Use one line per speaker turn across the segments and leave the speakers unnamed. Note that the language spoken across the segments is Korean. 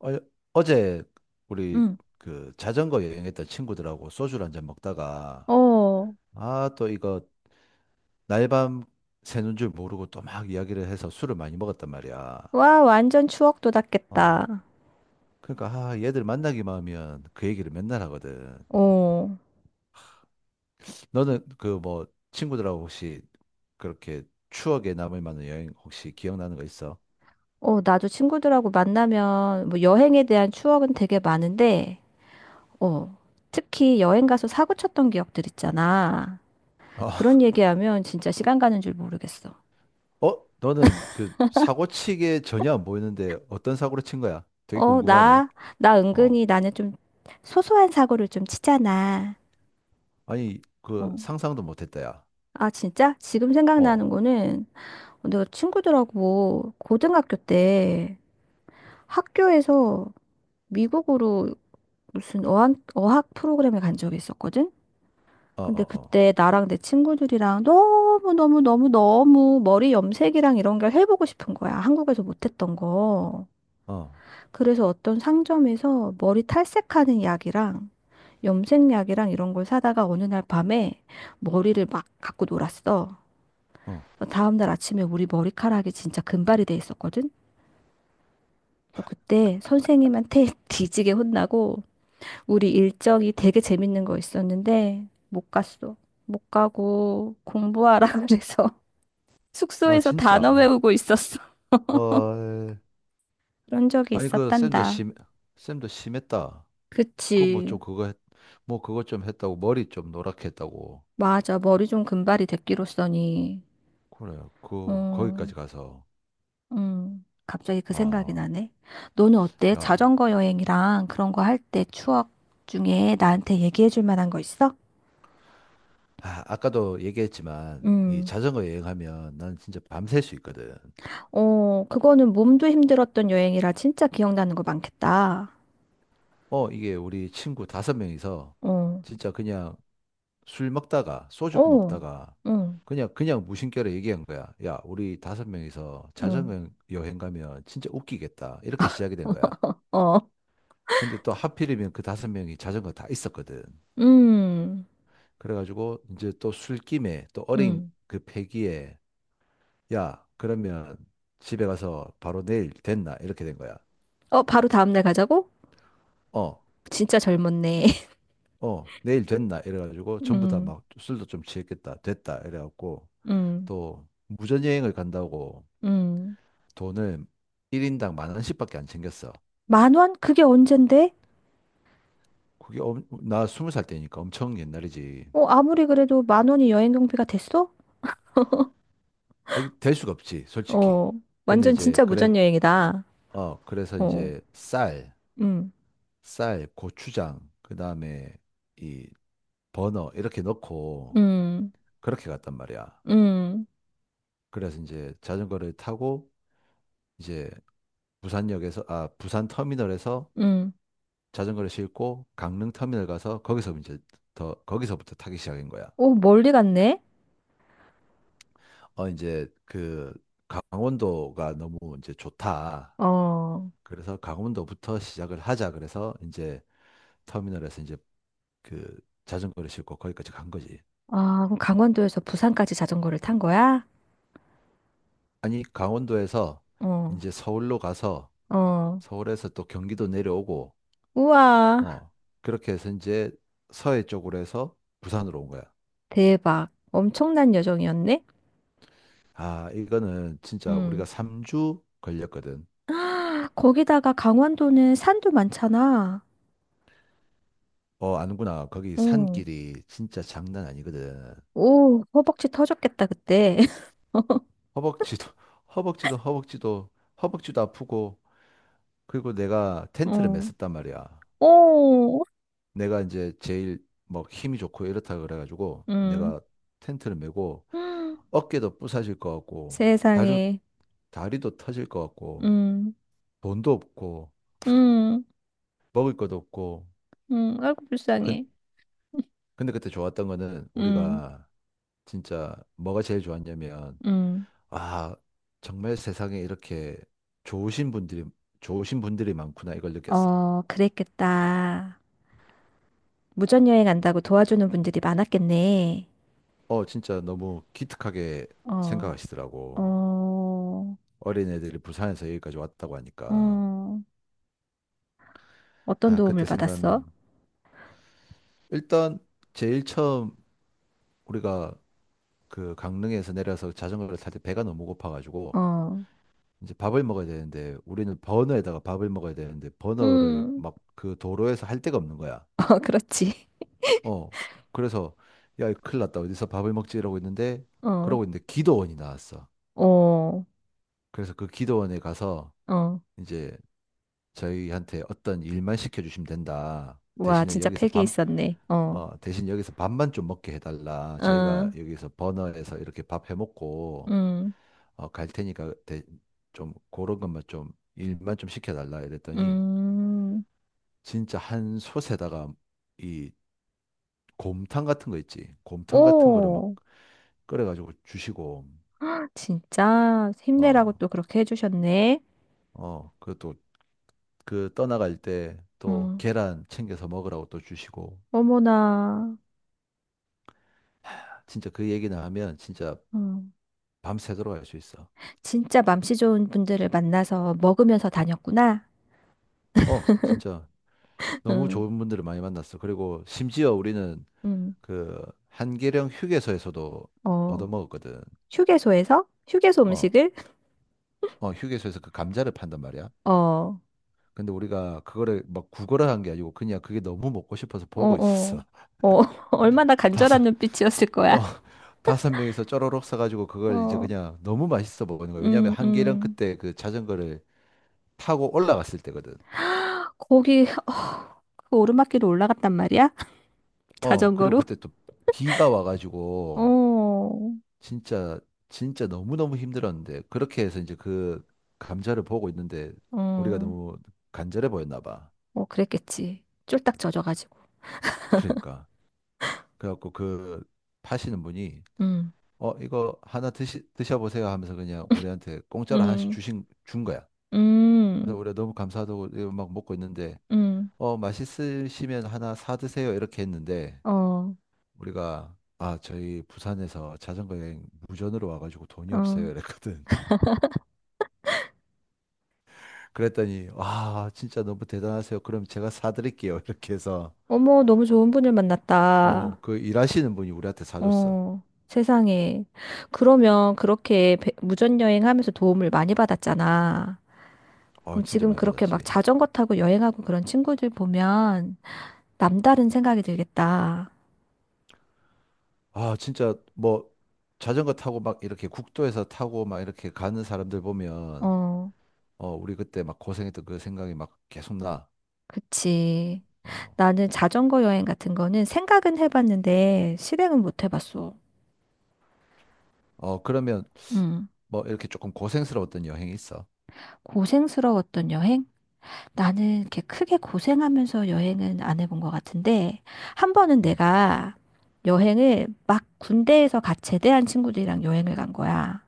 어, 어제 우리
응.
그 자전거 여행했던 친구들하고 소주를 한잔 먹다가
어,
아, 또 이거 날 밤 새는 줄 모르고 또 막 이야기를 해서 술을 많이 먹었단 말이야.
와, 완전 추억
어.
돋았겠다.
그러니까 아, 얘들 만나기만 하면 그 얘기를 맨날 하거든.
어.
너는 그 뭐 친구들하고 혹시 그렇게 추억에 남을 만한 여행 혹시 기억나는 거 있어?
어, 나도 친구들하고 만나면 뭐 여행에 대한 추억은 되게 많은데, 어, 특히 여행 가서 사고 쳤던 기억들 있잖아.
어,
그런 얘기하면 진짜 시간 가는 줄 모르겠어.
어? 너는 그 사고 치게 전혀 안 보이는데 어떤 사고를 친 거야? 되게
어,
궁금하네.
나
어.
은근히 나는 좀 소소한 사고를 좀 치잖아.
아니, 그
어.
상상도 못했다, 야.
아, 진짜? 지금
어,
생각나는
어,
거는 내가 친구들하고 고등학교 때 학교에서 미국으로 무슨 어학 프로그램에 간 적이 있었거든? 근데
어,
그때 나랑 내 친구들이랑 너무너무너무너무 머리 염색이랑 이런 걸 해보고 싶은 거야. 한국에서 못했던 거.
어, 어,
그래서 어떤 상점에서 머리 탈색하는 약이랑 염색약이랑 이런 걸 사다가 어느 날 밤에 머리를 막 갖고 놀았어.
어.
다음날 아침에 우리 머리카락이 진짜 금발이 돼 있었거든? 그래서 그때 선생님한테 뒤지게 혼나고 우리 일정이 되게 재밌는 거 있었는데 못 갔어. 못 가고 공부하라 그래서
아,
숙소에서 단어
진짜.
외우고 있었어.
헐.
그런 적이
아니,
있었단다.
쌤도 심했다. 그 뭐
그치.
좀 그거, 했, 뭐 그거 좀 했다고 머리 좀 노랗게 했다고.
맞아. 머리 좀 금발이 됐기로써니.
그래, 그
음,
거기까지 가서.
갑자기 그 생각이
아,
나네. 너는 어때?
야.
자전거 여행이랑 그런 거 할 때 추억 중에 나한테 얘기해 줄 만한 거 있어?
아, 아까도 얘기했지만 이
음.
자전거 여행하면 난 진짜 밤샐 수 있거든.
어, 그거는 몸도 힘들었던 여행이라 진짜 기억나는 거 많겠다.
어, 이게 우리 친구 5명이서
어.
진짜 그냥 술 먹다가 소주
어,
먹다가
응,
그냥 무심결에 얘기한 거야. 야, 우리 5명이서
응,
자전거 여행 가면 진짜 웃기겠다. 이렇게 시작이 된 거야.
어,
근데 또 하필이면 그 5명이 자전거 다 있었거든.
음,
그래가지고 이제 또 술김에 또 어린
음.
그 패기에 야, 그러면 집에 가서 바로 내일 됐나? 이렇게 된 거야.
어, 바로 다음날 가자고?
어,
진짜 젊었네.
어, 내일 됐나? 이래가지고 전부 다
음,
막 술도 좀 취했겠다. 됐다. 이래갖고
음,
또 무전여행을 간다고
음.
돈을 1인당 10,000원씩밖에 안 챙겼어.
10,000원? 그게 언젠데?
나 20살 때니까 엄청 옛날이지.
어, 아무리 그래도 만 원이 여행 경비가 됐어?
아, 이게 될 수가 없지, 솔직히.
어,
근데
완전
이제
진짜
그래
무전여행이다.
어 그래서
어,
이제
음,
쌀, 고추장, 그다음에 이 버너 이렇게 넣고
음,
그렇게 갔단 말이야.
음,
그래서 이제 자전거를 타고 이제 부산 터미널에서
음.
자전거를 싣고 강릉 터미널 가서 거기서 이제 더 거기서부터 타기 시작인 거야.
오, 멀리 갔네?
어, 이제 그 강원도가 너무 이제 좋다.
어,
그래서 강원도부터 시작을 하자. 그래서 이제 터미널에서 이제 그 자전거를 싣고 거기까지 간 거지.
아, 그럼 강원도에서 부산까지 자전거를 탄 거야?
아니, 강원도에서
어,
이제 서울로 가서
어.
서울에서 또 경기도 내려오고,
우와,
어, 그렇게 해서 이제 서해 쪽으로 해서 부산으로 온 거야.
대박. 엄청난 여정이었네?
아, 이거는 진짜 우리가
응.
3주 걸렸거든.
아, 거기다가 강원도는 산도 많잖아.
어, 아는구나. 거기
어,
산길이 진짜 장난 아니거든.
오, 허벅지 터졌겠다, 그때.
허벅지도 허벅지도 허벅지도 허벅지도 아프고 그리고 내가 텐트를
어,
맸었단 말이야.
어,
내가 이제 제일 뭐 힘이 좋고 이렇다 그래가지고
음.
내가 텐트를 메고 어깨도 부서질 것 같고 다리
세상에.
다리도 터질 것 같고
응,
돈도 없고
응,
먹을 것도 없고
응. 아이고,
근,
불쌍해.
근데 그때 좋았던 거는
응,
우리가 진짜 뭐가 제일 좋았냐면
응.
아 정말 세상에 이렇게 좋으신 분들이 좋으신 분들이 많구나 이걸 느꼈어.
어, 그랬겠다. 무전여행 안다고 도와주는 분들이 많았겠네.
어, 진짜 너무 기특하게
어,
생각하시더라고.
어,
어린애들이 부산에서 여기까지 왔다고 하니까.
어, 어떤
아,
도움을
그때
받았어?
생각하면 일단 제일 처음 우리가 그 강릉에서 내려서 자전거를 탈 때 배가 너무 고파가지고
어,
이제 밥을 먹어야 되는데 우리는 버너에다가 밥을 먹어야 되는데 버너를
응.
막 그 도로에서 할 데가 없는 거야.
어, 그렇지.
어, 그래서 야, 이거 큰일 났다. 어디서 밥을 먹지? 이러고 있는데
어.
그러고 있는데 기도원이 나왔어.
어,
그래서 그 기도원에 가서
어.
이제 저희한테 어떤 일만 시켜주시면 된다.
와,
대신에
진짜
여기서
팩이
밥,
있었네. 어,
어, 대신 여기서 밥만 좀 먹게 해달라.
어,
저희가 여기서 버너에서 이렇게 밥 해먹고,
음,
어, 좀 그런 것만 좀 일만 좀 시켜달라. 이랬더니
음.
진짜 한 솥에다가 이 곰탕 같은 거 있지. 곰탕 같은 거를 막
오,
끓여가지고 주시고,
진짜 힘내라고
어,
또 그렇게 해주셨네.
어, 그것도 그 떠나갈 때 또
음,
계란 챙겨서 먹으라고 또 주시고,
어머나.
진짜 그 얘기나 하면 진짜
음,
밤새도록 할 수 있어.
진짜 맘씨 좋은 분들을 만나서 먹으면서 다녔구나.
어, 진짜 너무
음,
좋은 분들을 많이 만났어. 그리고 심지어 우리는
음.
그 한계령 휴게소에서도
어,
얻어먹었거든.
휴게소에서? 휴게소
어,
음식을?
어, 휴게소에서 그 감자를 판단 말이야.
어, 어,
근데 우리가 그거를 막 구걸을 한 게 아니고 그냥 그게 너무 먹고 싶어서 보고
어.
있었어.
어, 얼마나 간절한
다섯,
눈빛이었을 거야.
어, 5명이서 쪼로록 사가지고 그걸 이제
어,
그냥 너무 맛있어 먹는 거야. 왜냐하면
음,
한계령
음.
그때 그 자전거를 타고 올라갔을 때거든.
거기 어, 그 오르막길로 올라갔단 말이야?
어, 그리고
자전거로?
그때 또 비가 와가지고
어,
진짜 너무너무 힘들었는데 그렇게 해서 이제 그 감자를 보고 있는데 우리가
어,
너무 간절해 보였나 봐.
어, 그랬겠지. 쫄딱 젖어가지고.
그러니까 그래갖고 그 파시는 분이
음,
어 이거 하나 드시 드셔보세요 하면서 그냥 우리한테 공짜로 하나씩
음,
주신 준 거야. 그래서
음,
우리가 너무 감사하다고 이거 막 먹고 있는데
음,
어 맛있으시면 하나 사 드세요 이렇게 했는데
어,
우리가 아 저희 부산에서 자전거 여행 무전으로 와가지고 돈이
어.
없어요 이랬거든. 그랬더니 아 진짜 너무 대단하세요. 그럼 제가 사드릴게요. 이렇게 해서
어머, 너무 좋은 분을
어
만났다.
그 일하시는 분이 우리한테 사줬어.
어, 세상에. 그러면 그렇게 배- 무전여행하면서 도움을 많이 받았잖아.
어
그럼
진짜
지금
많이
그렇게 막
받았지.
자전거 타고 여행하고 그런 친구들 보면 남다른 생각이 들겠다.
아 진짜 뭐 자전거 타고 막 이렇게 국도에서 타고 막 이렇게 가는 사람들 보면
어,
어 우리 그때 막 고생했던 그 생각이 막 계속 나.
그치.
어,
나는 자전거 여행 같은 거는 생각은 해봤는데 실행은 못 해봤어.
어 그러면
음.
뭐 이렇게 조금 고생스러웠던 여행이 있어.
고생스러웠던 여행? 나는 이렇게 크게 고생하면서 여행은 안 해본 것 같은데, 한 번은
음.
내가 여행을 막 군대에서 갓 제대한 친구들이랑 여행을 간 거야.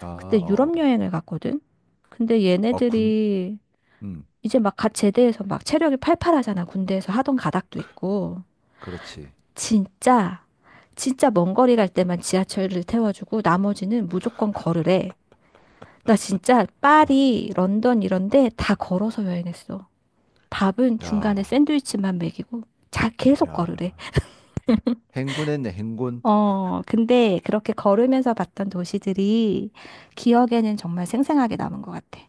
아,
그때
어.
유럽
어,
여행을 갔거든? 근데
어, 군.
얘네들이
음.
이제 막 갓 제대해서 막 체력이 팔팔하잖아. 군대에서 하던 가닥도
그,
있고.
그렇지.
진짜, 진짜 먼 거리 갈 때만 지하철을 태워주고 나머지는 무조건 걸으래. 나 진짜
와,
파리, 런던 이런데 다 걸어서 여행했어. 밥은 중간에
야.
샌드위치만 먹이고 자 계속 걸으래.
야. 행군했네, 행군.
어, 근데 그렇게 걸으면서 봤던 도시들이 기억에는 정말 생생하게 남은 것 같아.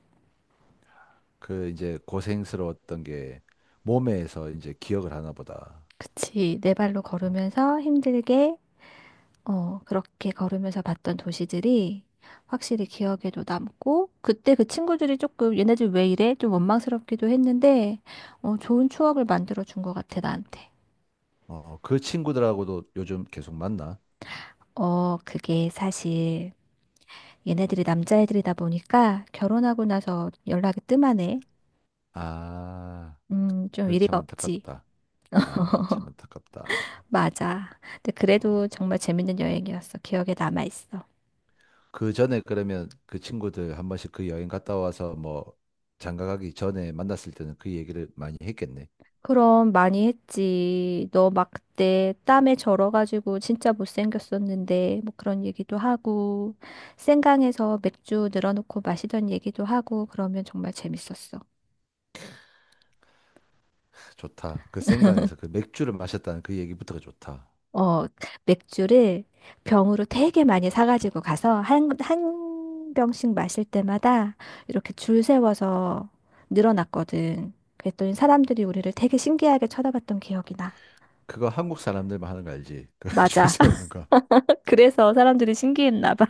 그 이제 고생스러웠던 게 몸에서 이제 기억을 하나 보다.
그치, 내 발로
어,
걸으면서 힘들게 어, 그렇게 걸으면서 봤던 도시들이 확실히 기억에도 남고, 그때 그 친구들이 조금 얘네 들 왜 이래? 좀 원망스럽기도 했는데, 어, 좋은 추억을 만들어 준 것 같아, 나한테.
어, 어, 그 친구들하고도 요즘 계속 만나?
어, 그게 사실 얘네들이 남자애들이다 보니까 결혼하고 나서 연락이 뜸하네.
아,
좀
그건 참
이리가 없지.
안타깝다. 아, 참 안타깝다.
맞아. 근데
어,
그래도 정말 재밌는 여행이었어. 기억에 남아있어.
그 전에 그러면 그 친구들 한 번씩 그 여행 갔다 와서 뭐 장가 가기 전에 만났을 때는 그 얘기를 많이 했겠네.
그럼 많이 했지. 너 막 그때 땀에 절어가지고 진짜 못생겼었는데 뭐 그런 얘기도 하고 생강에서 맥주 늘어놓고 마시던 얘기도 하고 그러면 정말 재밌었어.
좋다. 그 생강에서 그 맥주를 마셨다는 그 얘기부터가 좋다.
어, 맥주를 병으로 되게 많이 사가지고 가서 한 병씩 마실 때마다 이렇게 줄 세워서 늘어났거든 그랬더니 사람들이 우리를 되게 신기하게 쳐다봤던 기억이 나.
그거 한국 사람들만 하는 거 알지? 그 줄
맞아.
세우는 거.
그래서 사람들이 신기했나 봐.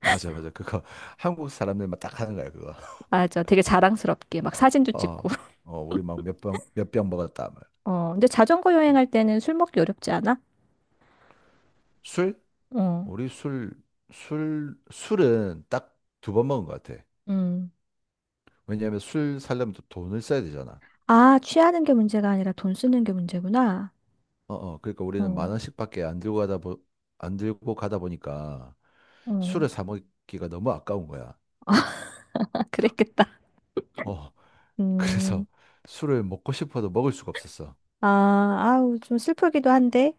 맞아, 맞아. 그거 한국 사람들만 딱 하는 거야, 그거.
맞아. 되게 자랑스럽게 막 사진도
어,
찍고.
어, 우리 막 몇 병 먹었다. 막.
어, 근데 자전거 여행할 때는 술 먹기 어렵지 않아?
술?
어,
우리 술은 딱 2번 먹은 것 같아.
음.
왜냐하면 술 사려면 또 돈을 써야 되잖아.
아, 취하는 게 문제가 아니라 돈 쓰는 게 문제구나.
어, 어, 그러니까
어,
우리는 만
어.
원씩밖에 안 들고 가다 보니까 술을 사 먹기가 너무 아까운 거야.
아, 그랬겠다.
어, 그래서
음.
술을 먹고 싶어도 먹을 수가 없었어.
아, 아우, 좀 슬프기도 한데.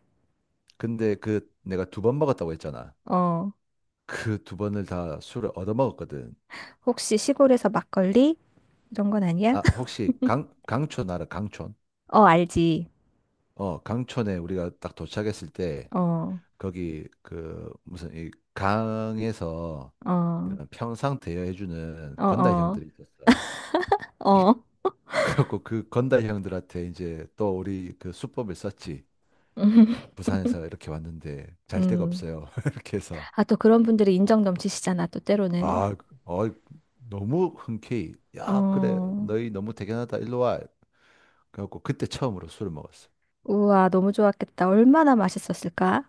근데 그 내가 2번 먹었다고 했잖아.
어,
그 2번을 다 술을 얻어 먹었거든.
혹시 시골에서 막걸리? 이런 건 아니야?
아, 혹시 강촌 알아? 강촌?
어, 알지.
어, 강촌에 우리가 딱 도착했을 때
어,
거기 그 무슨 이 강에서
어,
이런 평상 대여해주는
어,
건달
어,
형들이 있었어.
어.
그래갖고 그 건달 형들한테 이제 또 우리 그 수법을 썼지. 부산에서 이렇게 왔는데 잘 데가
음.
없어요. 이렇게 해서
아, 또 그런 분들이 인정 넘치시잖아, 또 때로는.
아, 어, 너무 흔쾌히 야 그래
어.
너희 너무 대견하다 일로 와. 그래갖고 그때 처음으로 술을 먹었어.
우와, 너무 좋았겠다. 얼마나 맛있었을까?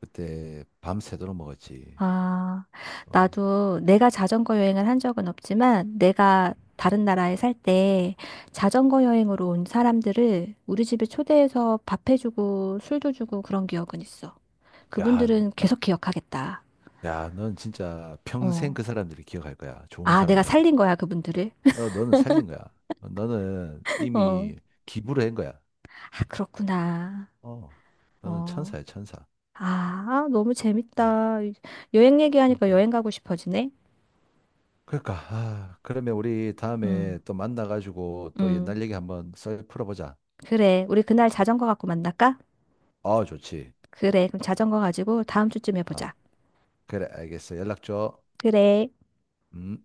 그때 밤새도록 먹었지.
아,
어.
나도 내가 자전거 여행을 한 적은 없지만, 내가 다른 나라에 살 때 자전거 여행으로 온 사람들을 우리 집에 초대해서 밥해주고 술도 주고 그런 기억은 있어.
야
그분들은 계속 기억하겠다.
야, 넌 진짜 평생
어.
그 사람들이 기억할 거야. 좋은
아, 내가 살린
사람이라고.
거야, 그분들을.
어, 너는 살린 거야. 어, 너는
어.
이미 기부를 한 거야.
아, 그렇구나.
어, 너는
어.
천사야, 천사.
아, 너무
어,
재밌다. 여행 얘기하니까
그러니까.
여행 가고 싶어지네.
그러니까, 아, 그러면 우리
음.
다음에 또 만나가지고 또
음.
옛날 얘기 한번 썰 풀어보자.
그래, 우리 그날 자전거 갖고 만날까?
어, 좋지.
그래, 그럼 자전거 가지고 다음 주쯤에
아,
보자.
그래, 알겠어. 연락 줘.
그래.
음.